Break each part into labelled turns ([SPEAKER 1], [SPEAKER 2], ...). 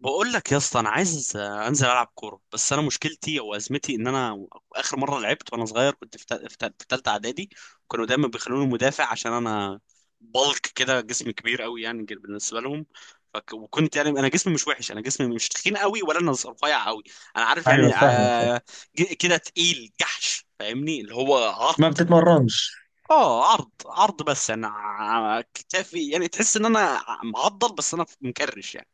[SPEAKER 1] بقول لك يا اسطى، انا عايز انزل العب كوره، بس انا مشكلتي او ازمتي ان انا اخر مره لعبت وانا صغير كنت في تالتة اعدادي. كانوا دايما بيخلوني مدافع عشان انا بلك كده، جسمي كبير قوي، يعني بالنسبه لهم. وكنت يعني انا جسمي مش وحش، انا جسمي مش تخين قوي ولا انا رفيع قوي. انا عارف
[SPEAKER 2] ايوه،
[SPEAKER 1] يعني،
[SPEAKER 2] فاهمك فاهم.
[SPEAKER 1] كده تقيل جحش، فاهمني، اللي هو
[SPEAKER 2] ما
[SPEAKER 1] عرض.
[SPEAKER 2] بتتمرنش.
[SPEAKER 1] اه، عرض عرض، بس انا كتافي، يعني تحس ان انا معضل، بس انا مكرش يعني.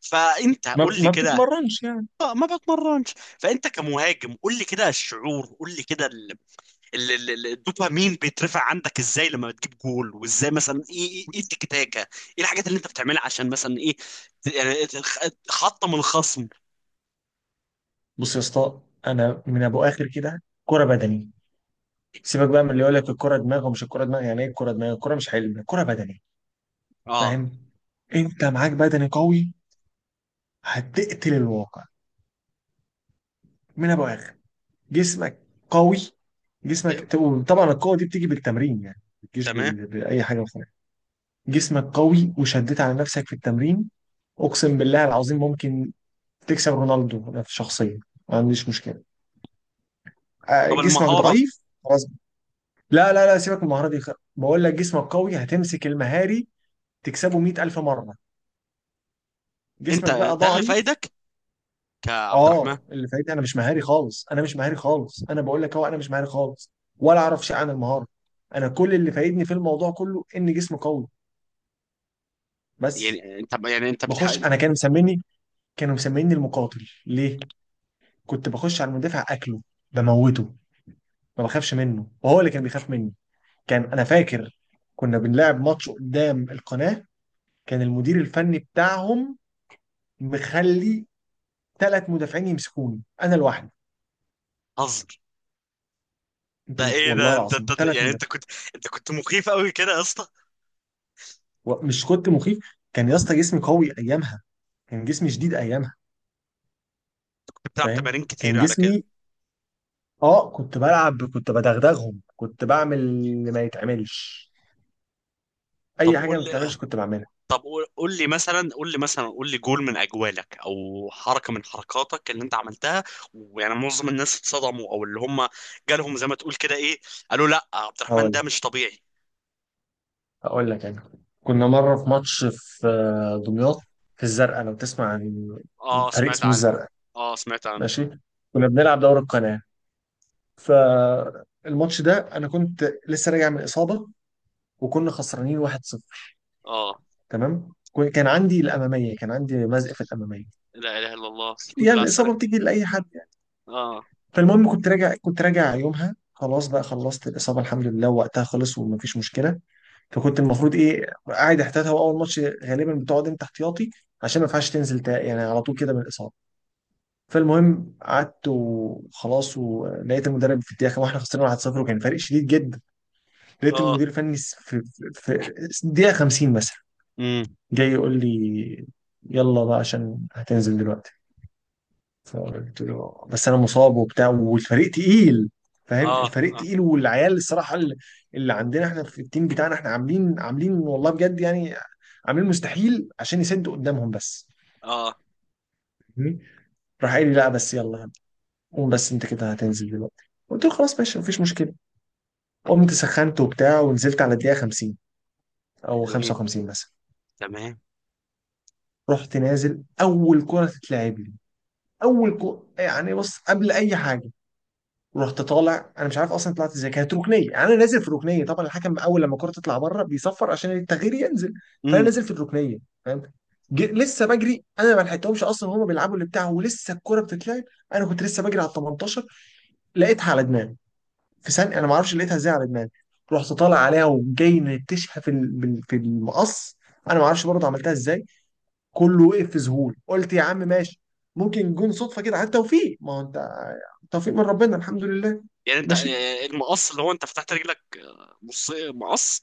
[SPEAKER 1] فانت
[SPEAKER 2] ما,
[SPEAKER 1] قول لي
[SPEAKER 2] ما
[SPEAKER 1] كده.
[SPEAKER 2] بتتمرنش يعني.
[SPEAKER 1] آه، ما بتمرنش. فانت كمهاجم قول لي كده الشعور، قول لي كده، الدوبامين بيترفع عندك ازاي لما بتجيب جول، وازاي مثلا ايه ايه إيه التكتاكه، ايه الحاجات اللي انت بتعملها عشان مثلا ايه، يعني تحطم الخصم؟
[SPEAKER 2] بص يا اسطى، انا من ابو اخر كده كرة بدني. سيبك بقى من اللي يقول لك الكرة دماغ ومش الكرة دماغ، يعني ايه الكرة دماغ؟ الكرة مش علم، الكرة بدني،
[SPEAKER 1] اه،
[SPEAKER 2] فاهم. انت معاك بدني قوي، هتقتل الواقع. من ابو اخر جسمك قوي،
[SPEAKER 1] ايوه،
[SPEAKER 2] جسمك. طبعا القوة دي بتيجي بالتمرين، يعني ما بتجيش
[SPEAKER 1] تمام.
[SPEAKER 2] بال... بأي حاجة أخرى. جسمك قوي وشديت على نفسك في التمرين، اقسم بالله العظيم ممكن تكسب رونالدو، أنا في شخصيا ما عنديش مشكلة.
[SPEAKER 1] طب
[SPEAKER 2] جسمك
[SPEAKER 1] المهاره.
[SPEAKER 2] ضعيف خلاص. لا لا لا، سيبك من المهارة دي. خ- بقول لك جسمك قوي هتمسك المهاري، تكسبه 100000 مرة.
[SPEAKER 1] انت
[SPEAKER 2] جسمك بقى
[SPEAKER 1] ده اللي
[SPEAKER 2] ضعيف.
[SPEAKER 1] فايدك، كعبد الرحمن.
[SPEAKER 2] اه اللي فايت، انا مش مهاري خالص، انا مش مهاري خالص، انا بقول لك اهو انا مش مهاري خالص، ولا اعرف شيء عن المهارة. انا كل اللي فايدني في الموضوع كله ان جسمي قوي بس.
[SPEAKER 1] يعني انت بتحقق.
[SPEAKER 2] بخش، انا كانوا مسميني، كانوا مسميني المقاتل. ليه؟ كنت بخش على المدافع اكله بموته، ما بخافش منه وهو اللي كان بيخاف مني. كان انا فاكر، كنا بنلعب ماتش قدام القناة، كان المدير الفني بتاعهم مخلي ثلاث مدافعين يمسكوني انا لوحدي.
[SPEAKER 1] هزر! ده
[SPEAKER 2] انتوا مت...
[SPEAKER 1] ايه
[SPEAKER 2] والله
[SPEAKER 1] ده، انت،
[SPEAKER 2] العظيم ثلاث
[SPEAKER 1] يعني
[SPEAKER 2] مدافعين.
[SPEAKER 1] انت كنت. انت كنت مخيف قوي كده يا اسطى.
[SPEAKER 2] و- مش كنت مخيف، كان يا اسطى جسمي قوي ايامها، كان جسمي شديد ايامها،
[SPEAKER 1] كنت بتلعب تمارين
[SPEAKER 2] فاهم كان
[SPEAKER 1] كتير على كده؟
[SPEAKER 2] جسمي. اه كنت بلعب، كنت بدغدغهم، كنت بعمل اللي ما يتعملش،
[SPEAKER 1] طب
[SPEAKER 2] اي حاجه
[SPEAKER 1] قول
[SPEAKER 2] ما بتتعملش كنت بعملها.
[SPEAKER 1] طب قول، قول لي مثلا، قول لي جول من اجوالك او حركه من حركاتك اللي انت عملتها، ويعني معظم الناس اتصدموا، او اللي هم جالهم زي ما تقول كده ايه، قالوا لا، عبد الرحمن
[SPEAKER 2] هقول،
[SPEAKER 1] ده مش طبيعي.
[SPEAKER 2] هقول لك انا، كنا مره في ماتش في دمياط، في الزرقاء لو تسمع عن
[SPEAKER 1] اه،
[SPEAKER 2] فريق
[SPEAKER 1] سمعت
[SPEAKER 2] اسمه
[SPEAKER 1] عنه.
[SPEAKER 2] الزرقاء.
[SPEAKER 1] اه، سمعت عنه.
[SPEAKER 2] ماشي. كنا بنلعب دوري القناه، فالماتش ده انا كنت لسه راجع من اصابه، وكنا خسرانين 1-0.
[SPEAKER 1] اه.
[SPEAKER 2] تمام. كو- كان عندي الاماميه، كان عندي مزق في الاماميه،
[SPEAKER 1] لا اله الا الله، الحمد لله
[SPEAKER 2] يعني
[SPEAKER 1] على السلامه.
[SPEAKER 2] الاصابه بتيجي لاي حد يعني.
[SPEAKER 1] اه.
[SPEAKER 2] فالمهم كنت راجع، كنت راجع يومها، خلاص بقى خلصت الاصابه الحمد لله وقتها، خلص ومفيش مشكله. فكنت المفروض ايه، قاعد احتياطي، هو اول ماتش غالبا بتقعد انت احتياطي، عشان ما ينفعش تنزل تا- يعني على طول كده من الاصابه. فالمهم قعدت وخلاص، ولقيت المدرب في الدقيقه واحنا خسرنا 1-0 وكان فرق شديد جدا. لقيت
[SPEAKER 1] اه.
[SPEAKER 2] المدير الفني س- في, في دقيقة 50 مثلا،
[SPEAKER 1] امم.
[SPEAKER 2] جاي يقول لي يلا بقى عشان هتنزل دلوقتي. فقلت له بس انا مصاب وبتاع والفريق تقيل، فاهم،
[SPEAKER 1] اه.
[SPEAKER 2] الفريق
[SPEAKER 1] اه.
[SPEAKER 2] تقيل، والعيال الصراحة، اللي اللي عندنا احنا في التيم بتاعنا، احنا عاملين والله بجد يعني، عاملين مستحيل عشان يسدوا قدامهم بس.
[SPEAKER 1] اه.
[SPEAKER 2] فاهمني؟ راح قال لي لا بس يلا قوم، بس انت كده هتنزل دلوقتي. قلت له خلاص ماشي مفيش مشكلة. قمت سخنت وبتاع ونزلت على الدقيقة 50 او
[SPEAKER 1] حلوين.
[SPEAKER 2] 55 مثلا.
[SPEAKER 1] تمام.
[SPEAKER 2] رحت نازل، اول كرة تتلعب لي، اول كرة، يعني بص، قبل اي حاجة، رحت طالع انا مش عارف اصلا طلعت ازاي، كانت ركنيه يعني انا نازل في ركنيه. طبعا الحكم اول لما الكره تطلع بره بيصفر عشان التغيير ينزل، فانا
[SPEAKER 1] امم.
[SPEAKER 2] نازل في الركنيه، فاهم. جي- لسه بجري انا، ما لحقتهمش اصلا وهم بيلعبوا اللي بتاعه ولسه الكوره بتتلعب. انا كنت لسه بجري على ال 18، لقيتها على دماغي، في ثانيه انا ما اعرفش لقيتها ازاي على دماغي، رحت طالع عليها وجاي نتشها في ال- بال- في المقص، انا ما اعرفش برضه عملتها ازاي. كله وقف في ذهول. قلت يا عم ماشي، ممكن جون صدفه كده عن توفيق، ما هو انت توفيق من ربنا الحمد لله.
[SPEAKER 1] يعني انت،
[SPEAKER 2] ماشي.
[SPEAKER 1] المقص اللي هو انت فتحت رجلك، مقص؟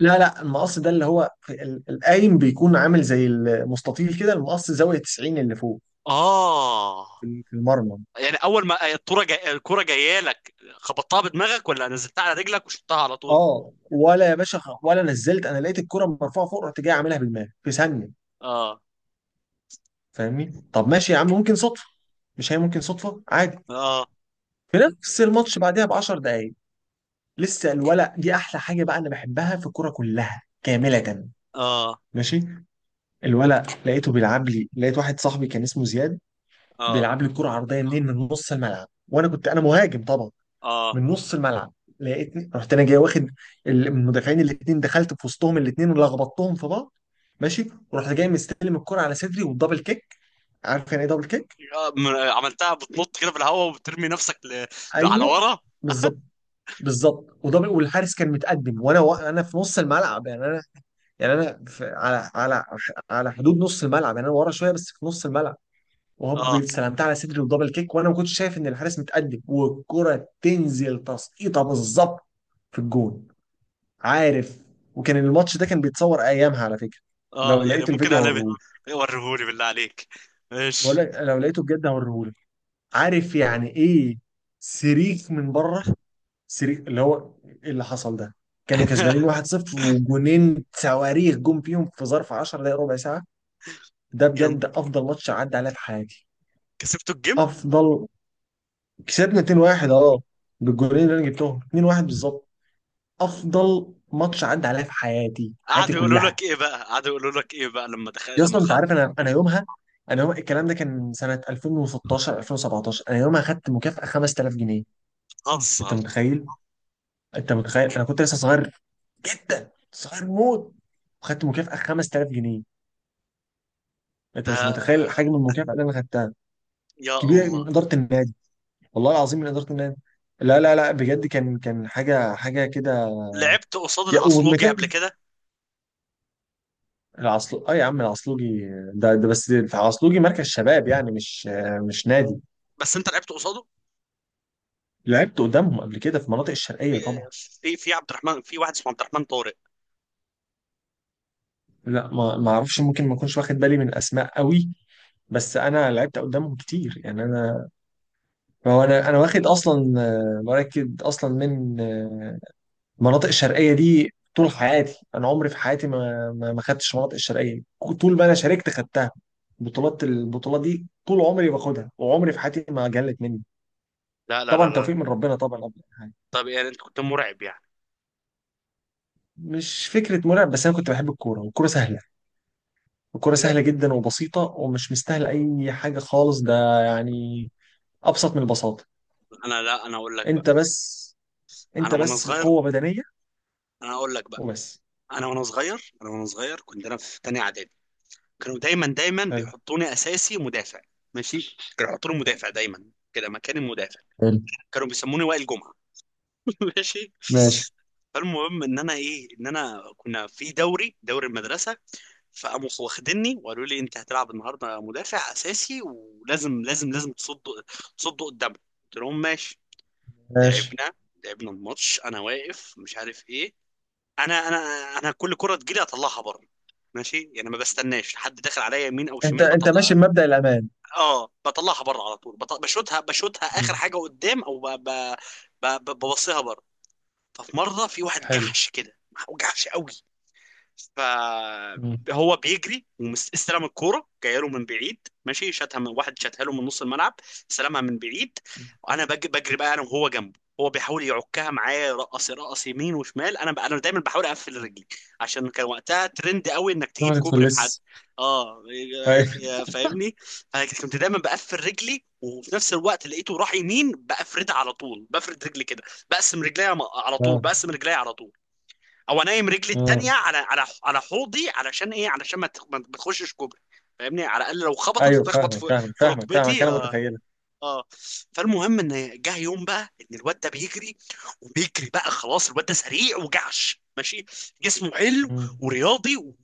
[SPEAKER 2] لا لا، المقص ده اللي هو في ال- القايم بيكون عامل زي المستطيل كده، المقص زاويه 90 اللي فوق
[SPEAKER 1] اه.
[SPEAKER 2] في في المرمى.
[SPEAKER 1] يعني اول ما الكرة جايه لك، خبطتها بدماغك ولا نزلتها على رجلك وشطتها على طول؟
[SPEAKER 2] اه ولا يا باشا، خ- ولا نزلت، انا لقيت الكره مرفوعه فوق، رحت جاي عاملها بالمال في ثانيه،
[SPEAKER 1] اه،
[SPEAKER 2] فاهمني. طب ماشي يا عم، ممكن صدفه، مش هي ممكن صدفه عادي.
[SPEAKER 1] اه،
[SPEAKER 2] في نفس الماتش بعدها ب 10 دقائق، لسه الولد دي احلى حاجه بقى انا بحبها في الكوره كلها كامله.
[SPEAKER 1] اه،
[SPEAKER 2] ماشي. الولد لقيته بيلعب لي، لقيت واحد صاحبي كان اسمه زياد بيلعب لي الكرة عرضية منين، من نص الملعب، وانا كنت انا مهاجم طبعا،
[SPEAKER 1] اه،
[SPEAKER 2] من نص الملعب. لقيتني رحت انا جاي واخد ال- من المدافعين الاثنين، دخلت في وسطهم الاثنين ولخبطتهم في بعض. ماشي. ورحت جاي مستلم الكرة على صدري والدبل كيك، عارف يعني ايه دبل كيك؟
[SPEAKER 1] اه، عملتها بتنط كده في الهواء وبترمي نفسك، على
[SPEAKER 2] ايوه،
[SPEAKER 1] ورا.
[SPEAKER 2] بالظبط، بالظبط ودبل، والحارس كان متقدم وانا و... انا في نص الملعب، يعني انا، يعني انا في... على على على حدود نص الملعب، يعني انا ورا شويه بس في نص الملعب، وهوب
[SPEAKER 1] اه.
[SPEAKER 2] سلمتها على صدري ودبل كيك، وانا ما كنتش شايف ان الحارس متقدم، والكره تنزل تسقيطه بالظبط في الجون، عارف. وكان الماتش ده كان بيتصور ايامها على فكره، لو
[SPEAKER 1] اه. يعني
[SPEAKER 2] لقيت
[SPEAKER 1] ممكن
[SPEAKER 2] الفيديو
[SPEAKER 1] اقلبها.
[SPEAKER 2] هوريهولك،
[SPEAKER 1] وريهولي بالله عليك.
[SPEAKER 2] بقول
[SPEAKER 1] ماشي.
[SPEAKER 2] لك لو لقيته بجد هوريهولك. عارف يعني ايه سريك من بره، سريك اللي هو إيه اللي حصل ده. كانوا كسبانين 1-0، وجونين صواريخ جم فيهم في ظرف 10 دقايق ربع ساعه. ده
[SPEAKER 1] يلا،
[SPEAKER 2] بجد افضل ماتش عدى عليا في حياتي.
[SPEAKER 1] كسبتوا الجيم؟
[SPEAKER 2] افضل. كسبنا 2-1 اه، بالجولين اللي انا جبتهم، 2-1 بالظبط. افضل ماتش عدى عليا في حياتي، حياتي
[SPEAKER 1] قعدوا يقولوا
[SPEAKER 2] كلها.
[SPEAKER 1] لك ايه بقى، قعدوا يقولوا لك ايه بقى لما دخل،
[SPEAKER 2] يا اسطى انت عارف انا، انا يومها، انا يوم الكلام ده كان سنه 2016 2017، انا يومها خدت مكافاه 5000 جنيه. انت
[SPEAKER 1] هزر!
[SPEAKER 2] متخيل؟ انت متخيل، انا كنت لسه صغير جدا، صغير موت، وخدت مكافاه 5000 جنيه، انت مش
[SPEAKER 1] ده،
[SPEAKER 2] متخيل حجم المكافاه اللي انا خدتها،
[SPEAKER 1] يا
[SPEAKER 2] كبيره،
[SPEAKER 1] الله!
[SPEAKER 2] من اداره النادي، والله العظيم من اداره النادي. لا لا لا بجد، كان كان حاجه، حاجه كده.
[SPEAKER 1] لعبت قصاد
[SPEAKER 2] يا-
[SPEAKER 1] العصلوجي
[SPEAKER 2] والمكان
[SPEAKER 1] قبل كده؟
[SPEAKER 2] العصلو، اه يا عم، العصلوجي ده, بس في عصلوجي مركز شباب، يعني مش مش نادي.
[SPEAKER 1] بس انت لعبت قصاده؟
[SPEAKER 2] لعبت قدامهم قبل كده في مناطق الشرقية
[SPEAKER 1] في
[SPEAKER 2] طبعا.
[SPEAKER 1] في في عبد الرحمن، في واحد اسمه عبد الرحمن طارق؟
[SPEAKER 2] لا ما اعرفش، ممكن ما اكونش واخد بالي من الاسماء قوي، بس انا لعبت قدامهم كتير يعني انا. هو انا انا واخد اصلا مراكد اصلا من المناطق الشرقية دي طول حياتي، انا عمري في حياتي ما خدتش مناطق الشرقية، طول ما انا شاركت خدتها. بطولات البطولة دي طول عمري باخدها، وعمري في حياتي ما جلت مني.
[SPEAKER 1] لا، لا، لا،
[SPEAKER 2] طبعا
[SPEAKER 1] لا.
[SPEAKER 2] توفيق من ربنا طبعا قبل أي حاجة.
[SPEAKER 1] طب يعني انت كنت مرعب يعني؟
[SPEAKER 2] مش فكرة مرعب، بس أنا كنت بحب الكورة والكورة سهلة. الكورة
[SPEAKER 1] لا
[SPEAKER 2] سهلة جدا وبسيطة ومش مستاهلة أي حاجة خالص ده، يعني أبسط من البساطة.
[SPEAKER 1] لا انا اقول لك بقى،
[SPEAKER 2] أنت بس،
[SPEAKER 1] انا
[SPEAKER 2] أنت
[SPEAKER 1] وانا
[SPEAKER 2] بس
[SPEAKER 1] صغير.
[SPEAKER 2] قوة بدنية
[SPEAKER 1] انا اقول لك بقى،
[SPEAKER 2] وبس.
[SPEAKER 1] انا وانا صغير كنت انا في تانية اعدادي. كانوا دايما دايما
[SPEAKER 2] حلو
[SPEAKER 1] بيحطوني اساسي مدافع. ماشي. كانوا يحطوني مدافع دايما كده، مكان المدافع.
[SPEAKER 2] حلو
[SPEAKER 1] كانوا بيسموني وائل جمعة. ماشي.
[SPEAKER 2] ماشي
[SPEAKER 1] فالمهم ان انا كنا في دوري المدرسه. فقاموا واخديني وقالوا لي انت هتلعب النهارده مدافع اساسي، ولازم لازم لازم تصد قدامه. قلت لهم ماشي.
[SPEAKER 2] ماشي
[SPEAKER 1] لعبنا لعبنا الماتش، انا واقف مش عارف ايه. انا انا انا كل كره تجيلي اطلعها بره. ماشي، يعني ما بستناش حد داخل عليا يمين او
[SPEAKER 2] أنت
[SPEAKER 1] شمال،
[SPEAKER 2] أنت ماشي
[SPEAKER 1] بطلع.
[SPEAKER 2] بمبدأ الأمان
[SPEAKER 1] اه، بطلعها بره على طول، بشوتها اخر
[SPEAKER 2] مم.
[SPEAKER 1] حاجه قدام، او ببصيها بره. ففي مره، في واحد
[SPEAKER 2] حلو
[SPEAKER 1] جحش كده. جحش قوي.
[SPEAKER 2] مم.
[SPEAKER 1] فهو بيجري واستلم الكوره جايه له من بعيد. ماشي. شاتها من واحد، شاتها له من نص الملعب. استلمها من بعيد. انا بجري بقى، انا وهو جنبه. هو بيحاول يعكها معايا، يرقص يرقص يمين وشمال. انا دايما بحاول اقفل رجلي، عشان كان وقتها ترند قوي انك
[SPEAKER 2] ليه
[SPEAKER 1] تجيب
[SPEAKER 2] ما
[SPEAKER 1] كوبري في حد.
[SPEAKER 2] تتفلس
[SPEAKER 1] اه،
[SPEAKER 2] أيوه
[SPEAKER 1] فاهمني. فكنت دايما بقفل رجلي، وفي نفس الوقت لقيته راح يمين بقفردها على طول، بفرد رجلي كده. بقسم رجلي على طول،
[SPEAKER 2] آه.
[SPEAKER 1] بقسم رجلي على طول. او انيم رجلي
[SPEAKER 2] آه.
[SPEAKER 1] التانيه على حوضي، علشان ايه؟ علشان ما تخشش كوبري. فاهمني، على الاقل لو خبطت
[SPEAKER 2] أيوه
[SPEAKER 1] تخبط
[SPEAKER 2] فاهمك
[SPEAKER 1] في
[SPEAKER 2] فاهمك
[SPEAKER 1] في
[SPEAKER 2] فاهمك فاهمك
[SPEAKER 1] ركبتي.
[SPEAKER 2] أنا
[SPEAKER 1] اه.
[SPEAKER 2] متخيلة
[SPEAKER 1] آه. فالمهم، ان جه يوم بقى ان الواد ده بيجري، وبيجري بقى، خلاص الواد ده سريع وجعش، ماشي. جسمه حلو،
[SPEAKER 2] مم.
[SPEAKER 1] ورياضي،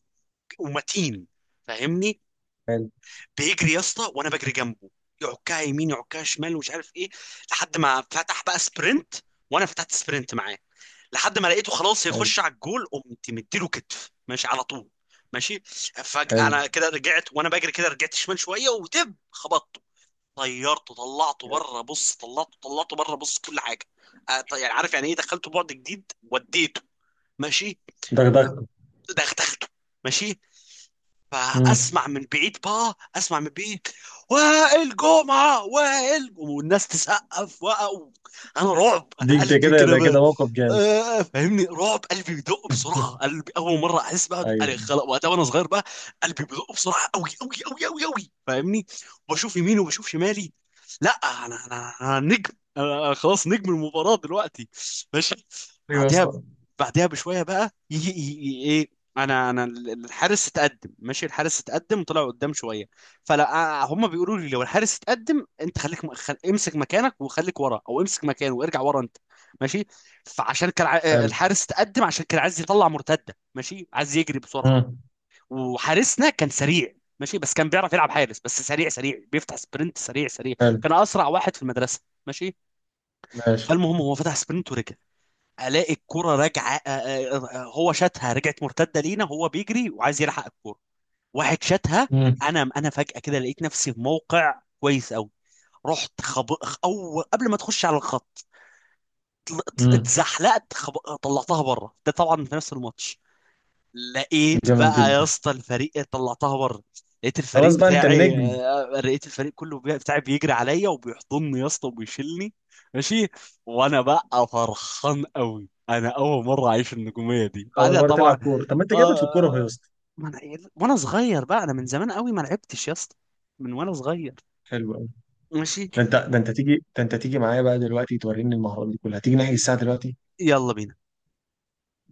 [SPEAKER 1] ومتين، فاهمني.
[SPEAKER 2] حلو
[SPEAKER 1] بيجري يا اسطى وانا بجري جنبه. يعكها يمين، يعكها شمال، ومش عارف ايه، لحد ما فتح بقى سبرنت، وانا فتحت سبرنت معاه، لحد ما لقيته خلاص
[SPEAKER 2] حلو
[SPEAKER 1] هيخش على الجول، قمت مديله كتف، ماشي، على طول. ماشي. فجأة
[SPEAKER 2] حلو
[SPEAKER 1] انا كده رجعت وانا بجري، كده رجعت شمال شويه ودب خبطته. طيرته، طلعته بره، بص، طلعته بره، بص، كل حاجه. يعني عارف يعني ايه، دخلته بعد جديد وديته. ماشي.
[SPEAKER 2] دغدغته
[SPEAKER 1] دخلته. ماشي.
[SPEAKER 2] مم.
[SPEAKER 1] فاسمع من بعيد بقى، اسمع من بعيد، وائل جمعه، وائل، والناس تسقف وقعوا. انا رعب، انا
[SPEAKER 2] دي ده
[SPEAKER 1] قلبي
[SPEAKER 2] كده
[SPEAKER 1] كده
[SPEAKER 2] ده
[SPEAKER 1] بقى.
[SPEAKER 2] كده موقف جامد
[SPEAKER 1] فاهمني، رعب، قلبي بيدق بسرعه، قلبي اول مره احس بقى أنا
[SPEAKER 2] ايوه
[SPEAKER 1] خلاص وقتها وانا صغير بقى. قلبي بيدق بسرعه قوي قوي قوي قوي قوي، فاهمني. وبشوف يميني وبشوف شمالي. لا، انا نجم، انا خلاص نجم المباراه دلوقتي. ماشي.
[SPEAKER 2] ايوه يا
[SPEAKER 1] بعدها
[SPEAKER 2] اسطى
[SPEAKER 1] بعدها بشويه بقى يجي. انا، الحارس اتقدم، ماشي، الحارس اتقدم طلع قدام شويه. فلا هم بيقولوا لي لو الحارس اتقدم انت خليك امسك مكانك وخليك ورا، او امسك مكانه وارجع ورا انت. ماشي. فعشان كان
[SPEAKER 2] حلو
[SPEAKER 1] الحارس اتقدم، عشان كان عايز يطلع مرتده، ماشي، عايز يجري بسرعه.
[SPEAKER 2] مم.
[SPEAKER 1] وحارسنا كان سريع، ماشي، بس كان بيعرف يلعب حارس، بس سريع سريع، بيفتح سبرنت سريع سريع.
[SPEAKER 2] حلو
[SPEAKER 1] كان اسرع واحد في المدرسه. ماشي.
[SPEAKER 2] ماشي
[SPEAKER 1] فالمهم هو فتح سبرنت ورجع. الاقي الكره راجعه، هو شاتها، رجعت مرتده لينا، هو بيجري وعايز يلحق الكره. واحد شاتها.
[SPEAKER 2] مم.
[SPEAKER 1] انا فجأة كده لقيت نفسي في موقع كويس قوي. رحت خب... او قبل ما تخش على الخط،
[SPEAKER 2] مم.
[SPEAKER 1] اتزحلقت، طلعتها بره، ده طبعا في نفس الماتش. لقيت
[SPEAKER 2] جامد
[SPEAKER 1] بقى يا
[SPEAKER 2] جدا
[SPEAKER 1] اسطى الفريق طلعتها بره. لقيت الفريق
[SPEAKER 2] خلاص بقى انت
[SPEAKER 1] بتاعي،
[SPEAKER 2] النجم
[SPEAKER 1] لقيت الفريق كله بتاعي، بيجري عليا وبيحضني يا اسطى وبيشيلني. ماشي. وانا بقى فرحان قوي، انا اول مره اعيش النجوميه دي،
[SPEAKER 2] اول
[SPEAKER 1] بعدها
[SPEAKER 2] مره
[SPEAKER 1] طبعا.
[SPEAKER 2] تلعب كوره طب ما انت جامد
[SPEAKER 1] آه.
[SPEAKER 2] في الكوره اهو يا اسطى
[SPEAKER 1] ما أنا وانا صغير بقى، انا من زمان قوي ما لعبتش يا اسطى، من وانا صغير.
[SPEAKER 2] حلو قوي
[SPEAKER 1] ماشي،
[SPEAKER 2] ده انت ده انت تيجي ده انت تيجي معايا بقى دلوقتي توريني المهارات دي كلها تيجي نحجز الساعه دلوقتي
[SPEAKER 1] يلا بينا.